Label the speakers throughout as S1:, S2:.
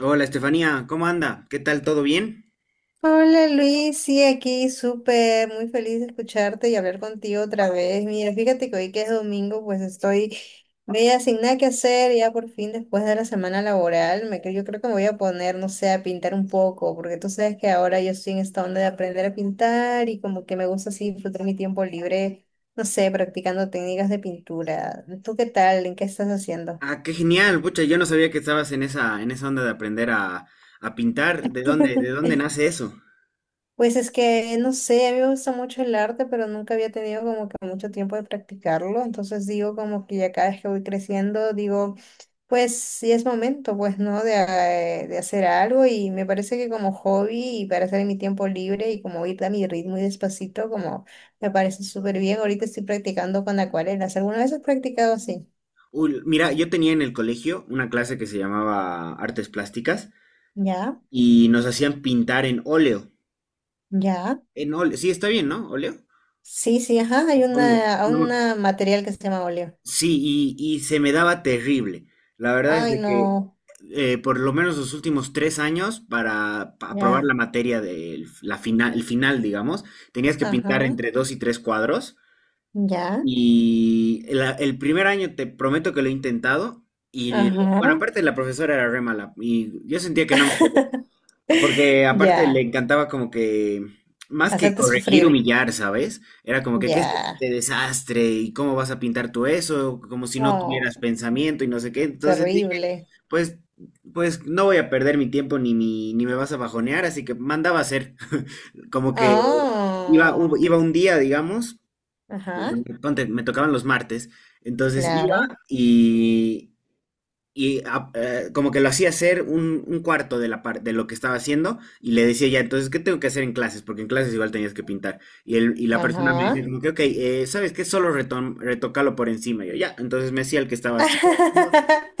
S1: Hola Estefanía, ¿cómo anda? ¿Qué tal? ¿Todo bien?
S2: Hola Luis, sí, aquí súper, muy feliz de escucharte y hablar contigo otra vez. Mira, fíjate que hoy que es domingo, pues estoy media sin nada que hacer, ya por fin después de la semana laboral, yo creo que me voy a poner, no sé, a pintar un poco, porque tú sabes que ahora yo estoy en esta onda de aprender a pintar y como que me gusta así disfrutar mi tiempo libre, no sé, practicando técnicas de pintura. ¿Tú qué tal? ¿En qué estás haciendo?
S1: Ah, qué genial, pucha, yo no sabía que estabas en esa onda de aprender a pintar. ¿De dónde, de dónde nace eso?
S2: Pues es que, no sé, a mí me gusta mucho el arte, pero nunca había tenido como que mucho tiempo de practicarlo. Entonces digo como que ya cada vez que voy creciendo, digo, pues sí es momento, pues, ¿no? De hacer algo y me parece que como hobby y para hacer en mi tiempo libre y como ir a mi ritmo y despacito, como me parece súper bien. Ahorita estoy practicando con acuarelas. ¿Alguna vez has practicado así?
S1: Uy, mira, yo tenía en el colegio una clase que se llamaba Artes Plásticas
S2: Ya,
S1: y nos hacían pintar en óleo.
S2: ya.
S1: En óleo, sí, está bien, ¿no? ¿Óleo?
S2: Sí, sí, ajá, hay
S1: Supongo.
S2: una,
S1: No.
S2: una material que se llama óleo.
S1: Sí, y se me daba terrible. La verdad es
S2: Ay,
S1: de que
S2: no,
S1: por lo menos los últimos 3 años para aprobar la
S2: ya,
S1: materia el final, digamos, tenías que pintar
S2: ajá.
S1: entre dos y tres cuadros.
S2: Ya,
S1: Y el primer año te prometo que lo he intentado. Y
S2: ajá,
S1: bueno, aparte la profesora era re mala y yo sentía que no me... Porque aparte le
S2: ya,
S1: encantaba como que, más que
S2: hacerte
S1: corregir,
S2: sufrir,
S1: humillar, ¿sabes? Era como que, ¿qué es
S2: ya,
S1: este desastre? ¿Y cómo vas a pintar tú eso? Como si no
S2: oh,
S1: tuvieras pensamiento y no sé qué. Entonces dije,
S2: terrible,
S1: pues, pues no voy a perder mi tiempo ni me vas a bajonear, así que mandaba a hacer. Como que iba,
S2: oh,
S1: un- iba un día, digamos,
S2: ajá,
S1: ponte, me tocaban los martes, entonces iba
S2: claro,
S1: y, y como que lo hacía hacer un cuarto de lo que estaba haciendo y le decía ya, entonces, ¿qué tengo que hacer en clases? Porque en clases igual tenías que pintar. Y la persona me
S2: ajá,
S1: decía como que, ok, ¿sabes qué? Solo retócalo por encima. Y yo, ya, entonces me hacía el que estaba así.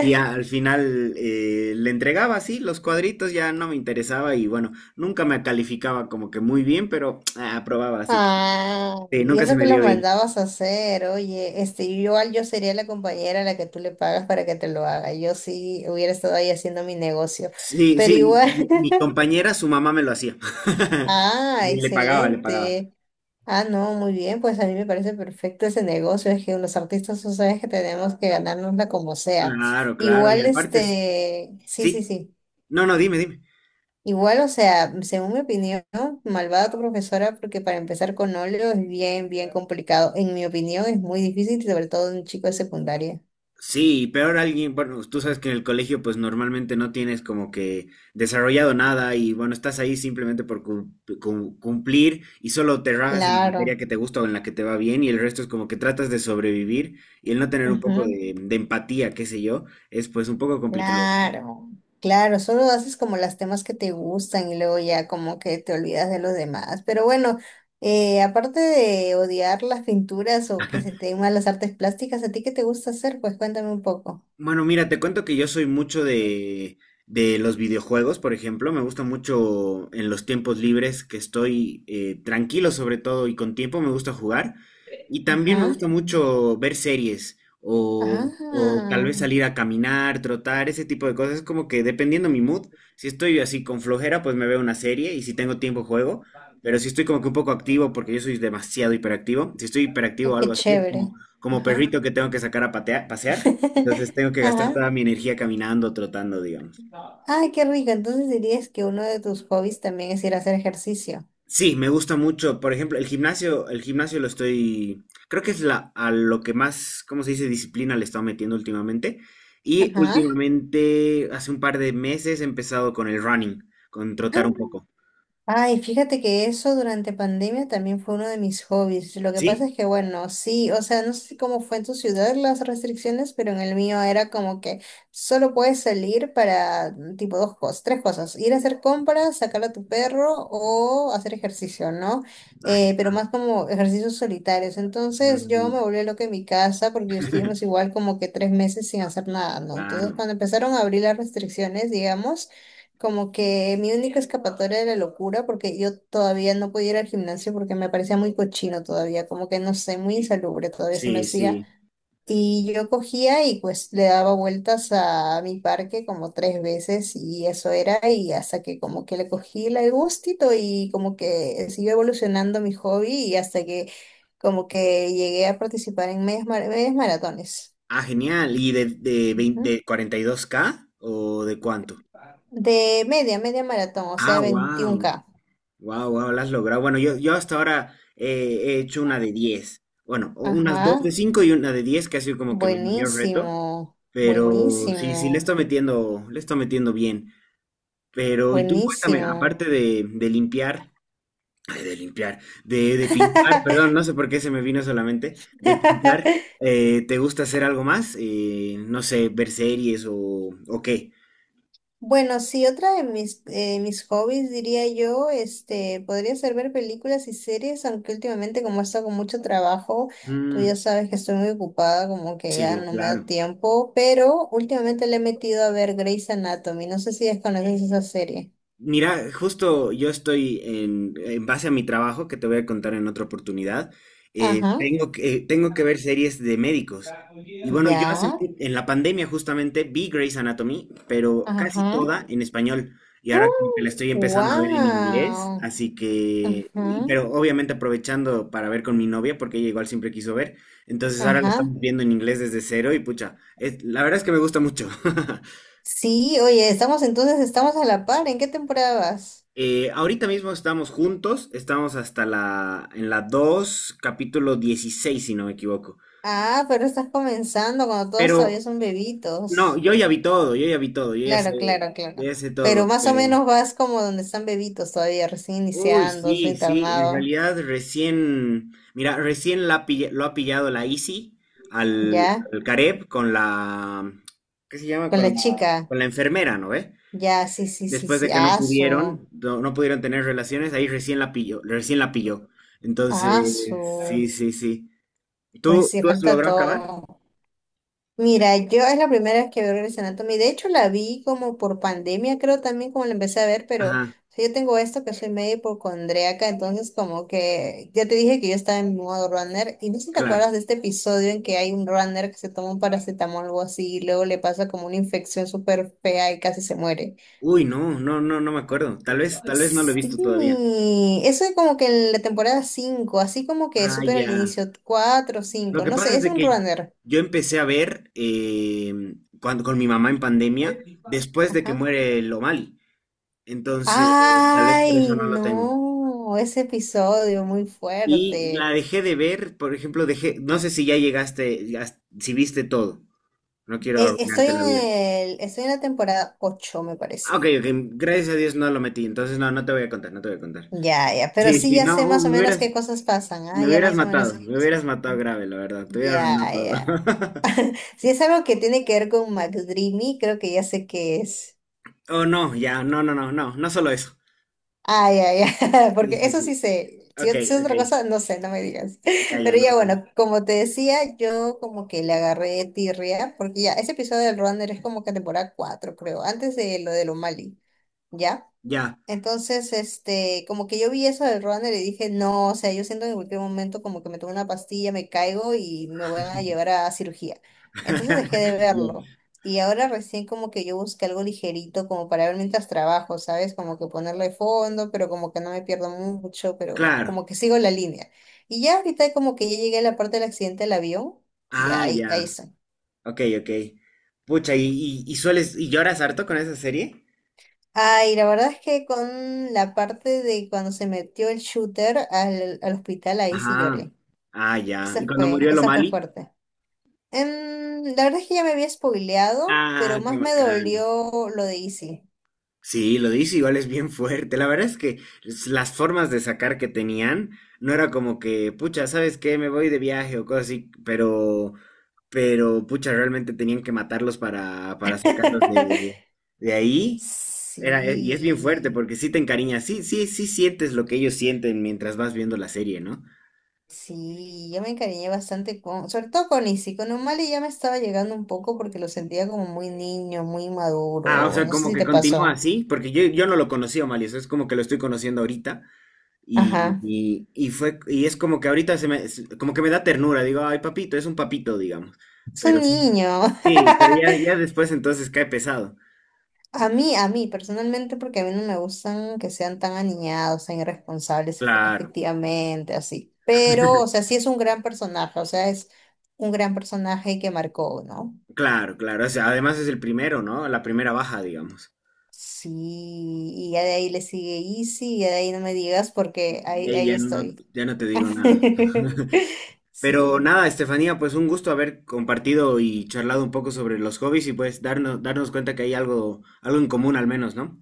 S1: Y al final le entregaba así los cuadritos, ya no me interesaba y bueno, nunca me calificaba como que muy bien, pero aprobaba así.
S2: ah,
S1: Sí,
S2: y
S1: nunca se
S2: eso que
S1: me
S2: lo
S1: dio bien.
S2: mandabas a hacer, oye, este, yo igual yo sería la compañera a la que tú le pagas para que te lo haga, yo sí hubiera estado ahí haciendo mi negocio,
S1: Sí,
S2: pero
S1: sí,
S2: igual.
S1: y mi compañera, su mamá me lo hacía.
S2: Ah,
S1: Le le pagaba, le pagaba.
S2: excelente. Ah, no, muy bien, pues a mí me parece perfecto ese negocio, es que los artistas, tú sabes que tenemos que ganárnosla como sea.
S1: Claro, claro, y
S2: Igual,
S1: aparte,
S2: este, sí, sí,
S1: sí,
S2: sí.
S1: no, no, dime, dime.
S2: Igual, o sea, según mi opinión, malvada tu profesora, porque para empezar con óleo es bien, bien complicado. En mi opinión, es muy difícil, sobre todo en un chico de secundaria.
S1: Sí, y peor alguien, bueno, tú sabes que en el colegio pues normalmente no tienes como que desarrollado nada y bueno, estás ahí simplemente por cumplir y solo te rajas en la materia
S2: Claro.
S1: que te gusta o en la que te va bien y el resto es como que tratas de sobrevivir y el no tener un poco
S2: Ujú.
S1: de empatía, qué sé yo, es pues un poco complicado.
S2: Claro, claro, solo haces como las temas que te gustan y luego ya como que te olvidas de los demás. Pero bueno, aparte de odiar las pinturas o que se te den mal las artes plásticas, ¿a ti qué te gusta hacer? Pues cuéntame un poco.
S1: Bueno, mira, te cuento que yo soy mucho de los videojuegos, por ejemplo. Me gusta mucho en los tiempos libres que estoy tranquilo sobre todo y con tiempo me gusta jugar. Y también me
S2: Ajá,
S1: gusta mucho ver series o
S2: ajá,
S1: tal vez salir a caminar, trotar, ese tipo de cosas. Es como que dependiendo mi mood, si estoy así con flojera, pues me veo una serie y si tengo tiempo juego. Pero si estoy como que un poco activo, porque yo soy demasiado hiperactivo, si estoy hiperactivo
S2: ay,
S1: o algo
S2: qué
S1: así, es
S2: chévere.
S1: como
S2: Ajá,
S1: perrito que tengo que sacar a pasear. Entonces tengo que gastar
S2: ajá.
S1: toda mi energía caminando, trotando, digamos.
S2: Ay, qué rico. Entonces dirías que uno de tus hobbies también es ir a hacer ejercicio.
S1: Sí, me gusta mucho. Por ejemplo, el gimnasio lo estoy, creo que es a lo que más, ¿cómo se dice? Disciplina le he estado metiendo últimamente. Y
S2: Ajá.
S1: últimamente, hace un par de meses, he empezado con el running, con trotar un poco.
S2: Ay, fíjate que eso durante pandemia también fue uno de mis hobbies. Lo que pasa
S1: ¿Sí?
S2: es que, bueno, sí, o sea, no sé cómo fue en tu ciudad las restricciones, pero en el mío era como que solo puedes salir para tipo dos cosas, tres cosas, ir a hacer compras, sacar a tu perro o hacer ejercicio, ¿no?
S1: Ay.
S2: Pero más como ejercicios solitarios. Entonces yo
S1: Ujú.
S2: me volví loca en mi casa porque estuvimos igual como que 3 meses sin hacer nada, ¿no? Entonces
S1: Claro.
S2: cuando empezaron a abrir las restricciones, digamos, como que mi única escapatoria de la locura, porque yo todavía no podía ir al gimnasio porque me parecía muy cochino todavía, como que no sé, muy insalubre todavía se me
S1: Sí,
S2: hacía.
S1: sí.
S2: Y yo cogía y pues le daba vueltas a mi parque como 3 veces y eso era, y hasta que como que le cogí el gustito y como que siguió evolucionando mi hobby y hasta que como que llegué a participar en medias maratones.
S1: Ah, genial. ¿Y 20
S2: Ujú.
S1: de 42K o de cuánto?
S2: De media, media maratón, o
S1: Ah,
S2: sea, veintiún
S1: wow.
S2: k
S1: Wow, wow, lo has logrado. Bueno, yo hasta ahora he hecho una de 10. Bueno, o unas dos de
S2: Ajá.
S1: 5 y una de 10 que ha sido como que mi mayor reto.
S2: Buenísimo,
S1: Pero sí, sí,
S2: buenísimo,
S1: le estoy metiendo bien. Pero, y tú cuéntame,
S2: buenísimo.
S1: aparte de limpiar, ay, de limpiar, de pintar, perdón, no sé por qué se me vino solamente, de pintar, ¿te gusta hacer algo más? No sé, ver series o qué.
S2: Bueno, sí, otra de mis hobbies, diría yo, este, podría ser ver películas y series, aunque últimamente como he estado con mucho trabajo, tú
S1: Mm,
S2: ya sabes que estoy muy ocupada, como que ya
S1: sí,
S2: no me da
S1: claro.
S2: tiempo, pero últimamente le he metido a ver Grey's Anatomy, no sé si desconoces esa serie.
S1: Mira, justo yo estoy en base a mi trabajo, que te voy a contar en otra oportunidad,
S2: Ajá.
S1: tengo que ver series de médicos. Y bueno, yo hace
S2: Ya,
S1: en la pandemia justamente vi Grey's Anatomy, pero casi
S2: ajá.
S1: toda en español. Y ahora como que la estoy empezando a ver en inglés,
S2: ¡Wow!
S1: así que,
S2: Ajá.
S1: pero obviamente aprovechando para ver con mi novia, porque ella igual siempre quiso ver. Entonces ahora la
S2: Ajá.
S1: estamos viendo en inglés desde cero y pucha, la verdad es que me gusta mucho.
S2: Sí, oye, estamos entonces, estamos a la par. ¿En qué temporada vas?
S1: Ahorita mismo estamos juntos, estamos en la 2 capítulo 16 si no me equivoco.
S2: Ah, pero estás comenzando cuando todos todavía
S1: Pero,
S2: son
S1: no,
S2: bebitos.
S1: yo ya vi todo, yo ya vi todo,
S2: Claro, claro,
S1: yo
S2: claro.
S1: ya sé
S2: Pero
S1: todo,
S2: más o
S1: pero...
S2: menos vas como donde están bebitos todavía, recién
S1: Uy,
S2: iniciando su
S1: sí, sí, en
S2: internado,
S1: realidad recién, mira, recién lo ha pillado la Easy al,
S2: ¿ya?
S1: al Gareb con la, ¿qué se llama?
S2: Con
S1: Con la,
S2: la chica.
S1: con la enfermera, ¿no ve?
S2: Ya, sí, sí, sí,
S1: Después de
S2: sí.
S1: que no
S2: Asu,
S1: pudieron, no, no pudieron tener relaciones, ahí recién la pilló, recién la pilló. Entonces,
S2: asu.
S1: sí, sí, sí.
S2: Pues
S1: ¿Tú,
S2: sí,
S1: tú has
S2: falta
S1: logrado acabar?
S2: todo. Mira, yo es la primera vez que veo Grey's Anatomy. De hecho, la vi como por pandemia, creo también como la empecé a ver, pero o
S1: Ajá,
S2: sea, yo tengo esto que soy medio hipocondríaca, entonces como que ya te dije que yo estaba en modo runner. Y no sé si te acuerdas
S1: claro.
S2: de este episodio en que hay un runner que se toma un paracetamol o algo así y luego le pasa como una infección súper fea y casi se muere.
S1: Uy, no, no, no, no me acuerdo. Tal vez no lo he visto todavía.
S2: Sí, eso es como que en la temporada 5, así como que
S1: Ah,
S2: supera al
S1: ya.
S2: inicio 4 o
S1: Lo
S2: 5,
S1: que
S2: no
S1: pasa
S2: sé,
S1: es
S2: es
S1: de
S2: un
S1: que
S2: runner.
S1: yo empecé a ver con mi mamá en pandemia, después de que
S2: Ajá.
S1: muere Lomali. Entonces, tal vez por eso
S2: Ay,
S1: no lo tengo.
S2: no, ese episodio muy
S1: Y la
S2: fuerte.
S1: dejé de ver, por ejemplo, dejé, no sé si ya llegaste, si viste todo. No quiero
S2: Estoy
S1: arruinarte
S2: en
S1: la vida.
S2: el, estoy en la temporada ocho me
S1: Ah, Ok,
S2: parece.
S1: ok, gracias a Dios no lo metí, entonces no, no te voy a contar, no te voy a contar.
S2: Ya, ya, pero
S1: Sí,
S2: sí
S1: sí,
S2: ya sé
S1: no,
S2: más o
S1: me
S2: menos
S1: hubieras,
S2: qué cosas pasan. Ah,
S1: me
S2: ya
S1: hubieras
S2: más o menos sé
S1: matado,
S2: qué
S1: me
S2: cosas
S1: hubieras matado
S2: pasan.
S1: grave, la verdad, te hubiera
S2: Ya,
S1: arruinado todo.
S2: ya. Si es algo que tiene que ver con McDreamy, creo que ya sé qué es.
S1: Oh, no, ya, no, no, no, no, no solo eso.
S2: Ay, ay, ay,
S1: Sí,
S2: porque
S1: sí,
S2: eso
S1: sí.
S2: sí sé. Si
S1: Ok,
S2: es si es
S1: ok,
S2: otra cosa, no sé, no me digas.
S1: ya, ya,
S2: Pero
S1: no,
S2: ya
S1: no, no.
S2: bueno, como te decía, yo como que le agarré tirria, porque ya ese episodio del Runner es como que temporada 4, creo, antes de lo de O'Malley, ¿ya?
S1: Ya.
S2: Entonces, este, como que yo vi eso del runner y dije, no, o sea, yo siento que en cualquier momento como que me tomo una pastilla, me caigo y me van a llevar a cirugía. Entonces dejé de
S1: Ya.
S2: verlo. Y ahora recién como que yo busqué algo ligerito como para ver mientras trabajo, ¿sabes? Como que ponerle fondo, pero como que no me pierdo mucho, pero
S1: Claro.
S2: como que sigo la línea. Y ya ahorita como que ya llegué a la parte del accidente del avión, ya
S1: Ah,
S2: ahí, ahí
S1: ya.
S2: estoy.
S1: Ok, ok. Pucha, ¿y lloras harto con esa serie?
S2: Ay, la verdad es que con la parte de cuando se metió el shooter al, al hospital, ahí sí
S1: Ajá.
S2: lloré.
S1: Ah, ya. ¿Y
S2: Esa
S1: cuando
S2: fue,
S1: murió el
S2: esa fue
S1: O'Malley?
S2: fuerte. La verdad es que ya me había spoileado, pero
S1: Ah, qué
S2: más me
S1: bacán.
S2: dolió lo de Izzy.
S1: Sí, lo dice igual es bien fuerte. La verdad es que las formas de sacar que tenían no era como que, pucha, ¿sabes qué? Me voy de viaje o cosas así, pero, pucha, realmente tenían que matarlos para sacarlos de, de ahí. Era, y es bien fuerte
S2: Sí,
S1: porque sí te encariñas, sí, sí, sí sientes lo que ellos sienten mientras vas viendo la serie, ¿no?
S2: sí, yo me encariñé bastante con, sobre todo con Izzy, con Umali ya me estaba llegando un poco porque lo sentía como muy niño, muy
S1: Ah, o
S2: maduro,
S1: sea,
S2: no sé
S1: como
S2: si
S1: que
S2: te
S1: continúa
S2: pasó.
S1: así, porque yo no lo conocía, Malio, o sea, es como que lo estoy conociendo ahorita. Y,
S2: Ajá,
S1: y- y fue, y es como que ahorita como que me da ternura, digo, ay, papito, es un papito, digamos.
S2: es un
S1: Pero sí,
S2: niño.
S1: sí, pero ya, ya después entonces cae pesado.
S2: A mí personalmente, porque a mí no me gustan que sean tan aniñados, tan irresponsables
S1: Claro,
S2: afectivamente así. Pero, o sea, sí es un gran personaje, o sea, es un gran personaje que marcó, ¿no?
S1: claro, claro. O sea, además es el primero, ¿no? La primera baja, digamos.
S2: Sí, y ya de ahí le sigue Easy, y ya de ahí no me digas porque
S1: De
S2: ahí,
S1: ahí
S2: ahí
S1: ya no,
S2: estoy.
S1: ya no te digo nada. Pero
S2: Sí.
S1: nada, Estefanía, pues un gusto haber compartido y charlado un poco sobre los hobbies y pues darnos cuenta que hay algo, algo en común al menos, ¿no?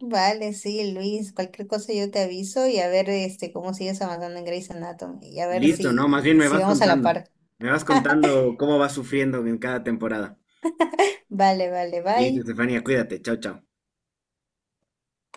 S2: Vale, sí, Luis, cualquier cosa yo te aviso y a ver este cómo sigues avanzando en Grey's Anatomy y a ver
S1: Listo, no, más
S2: si,
S1: bien me
S2: si
S1: vas
S2: vamos a la
S1: contando.
S2: par.
S1: Me vas contando cómo vas sufriendo en cada temporada.
S2: Vale, vale,
S1: Listo,
S2: bye.
S1: Estefanía, cuídate. Chao, chao.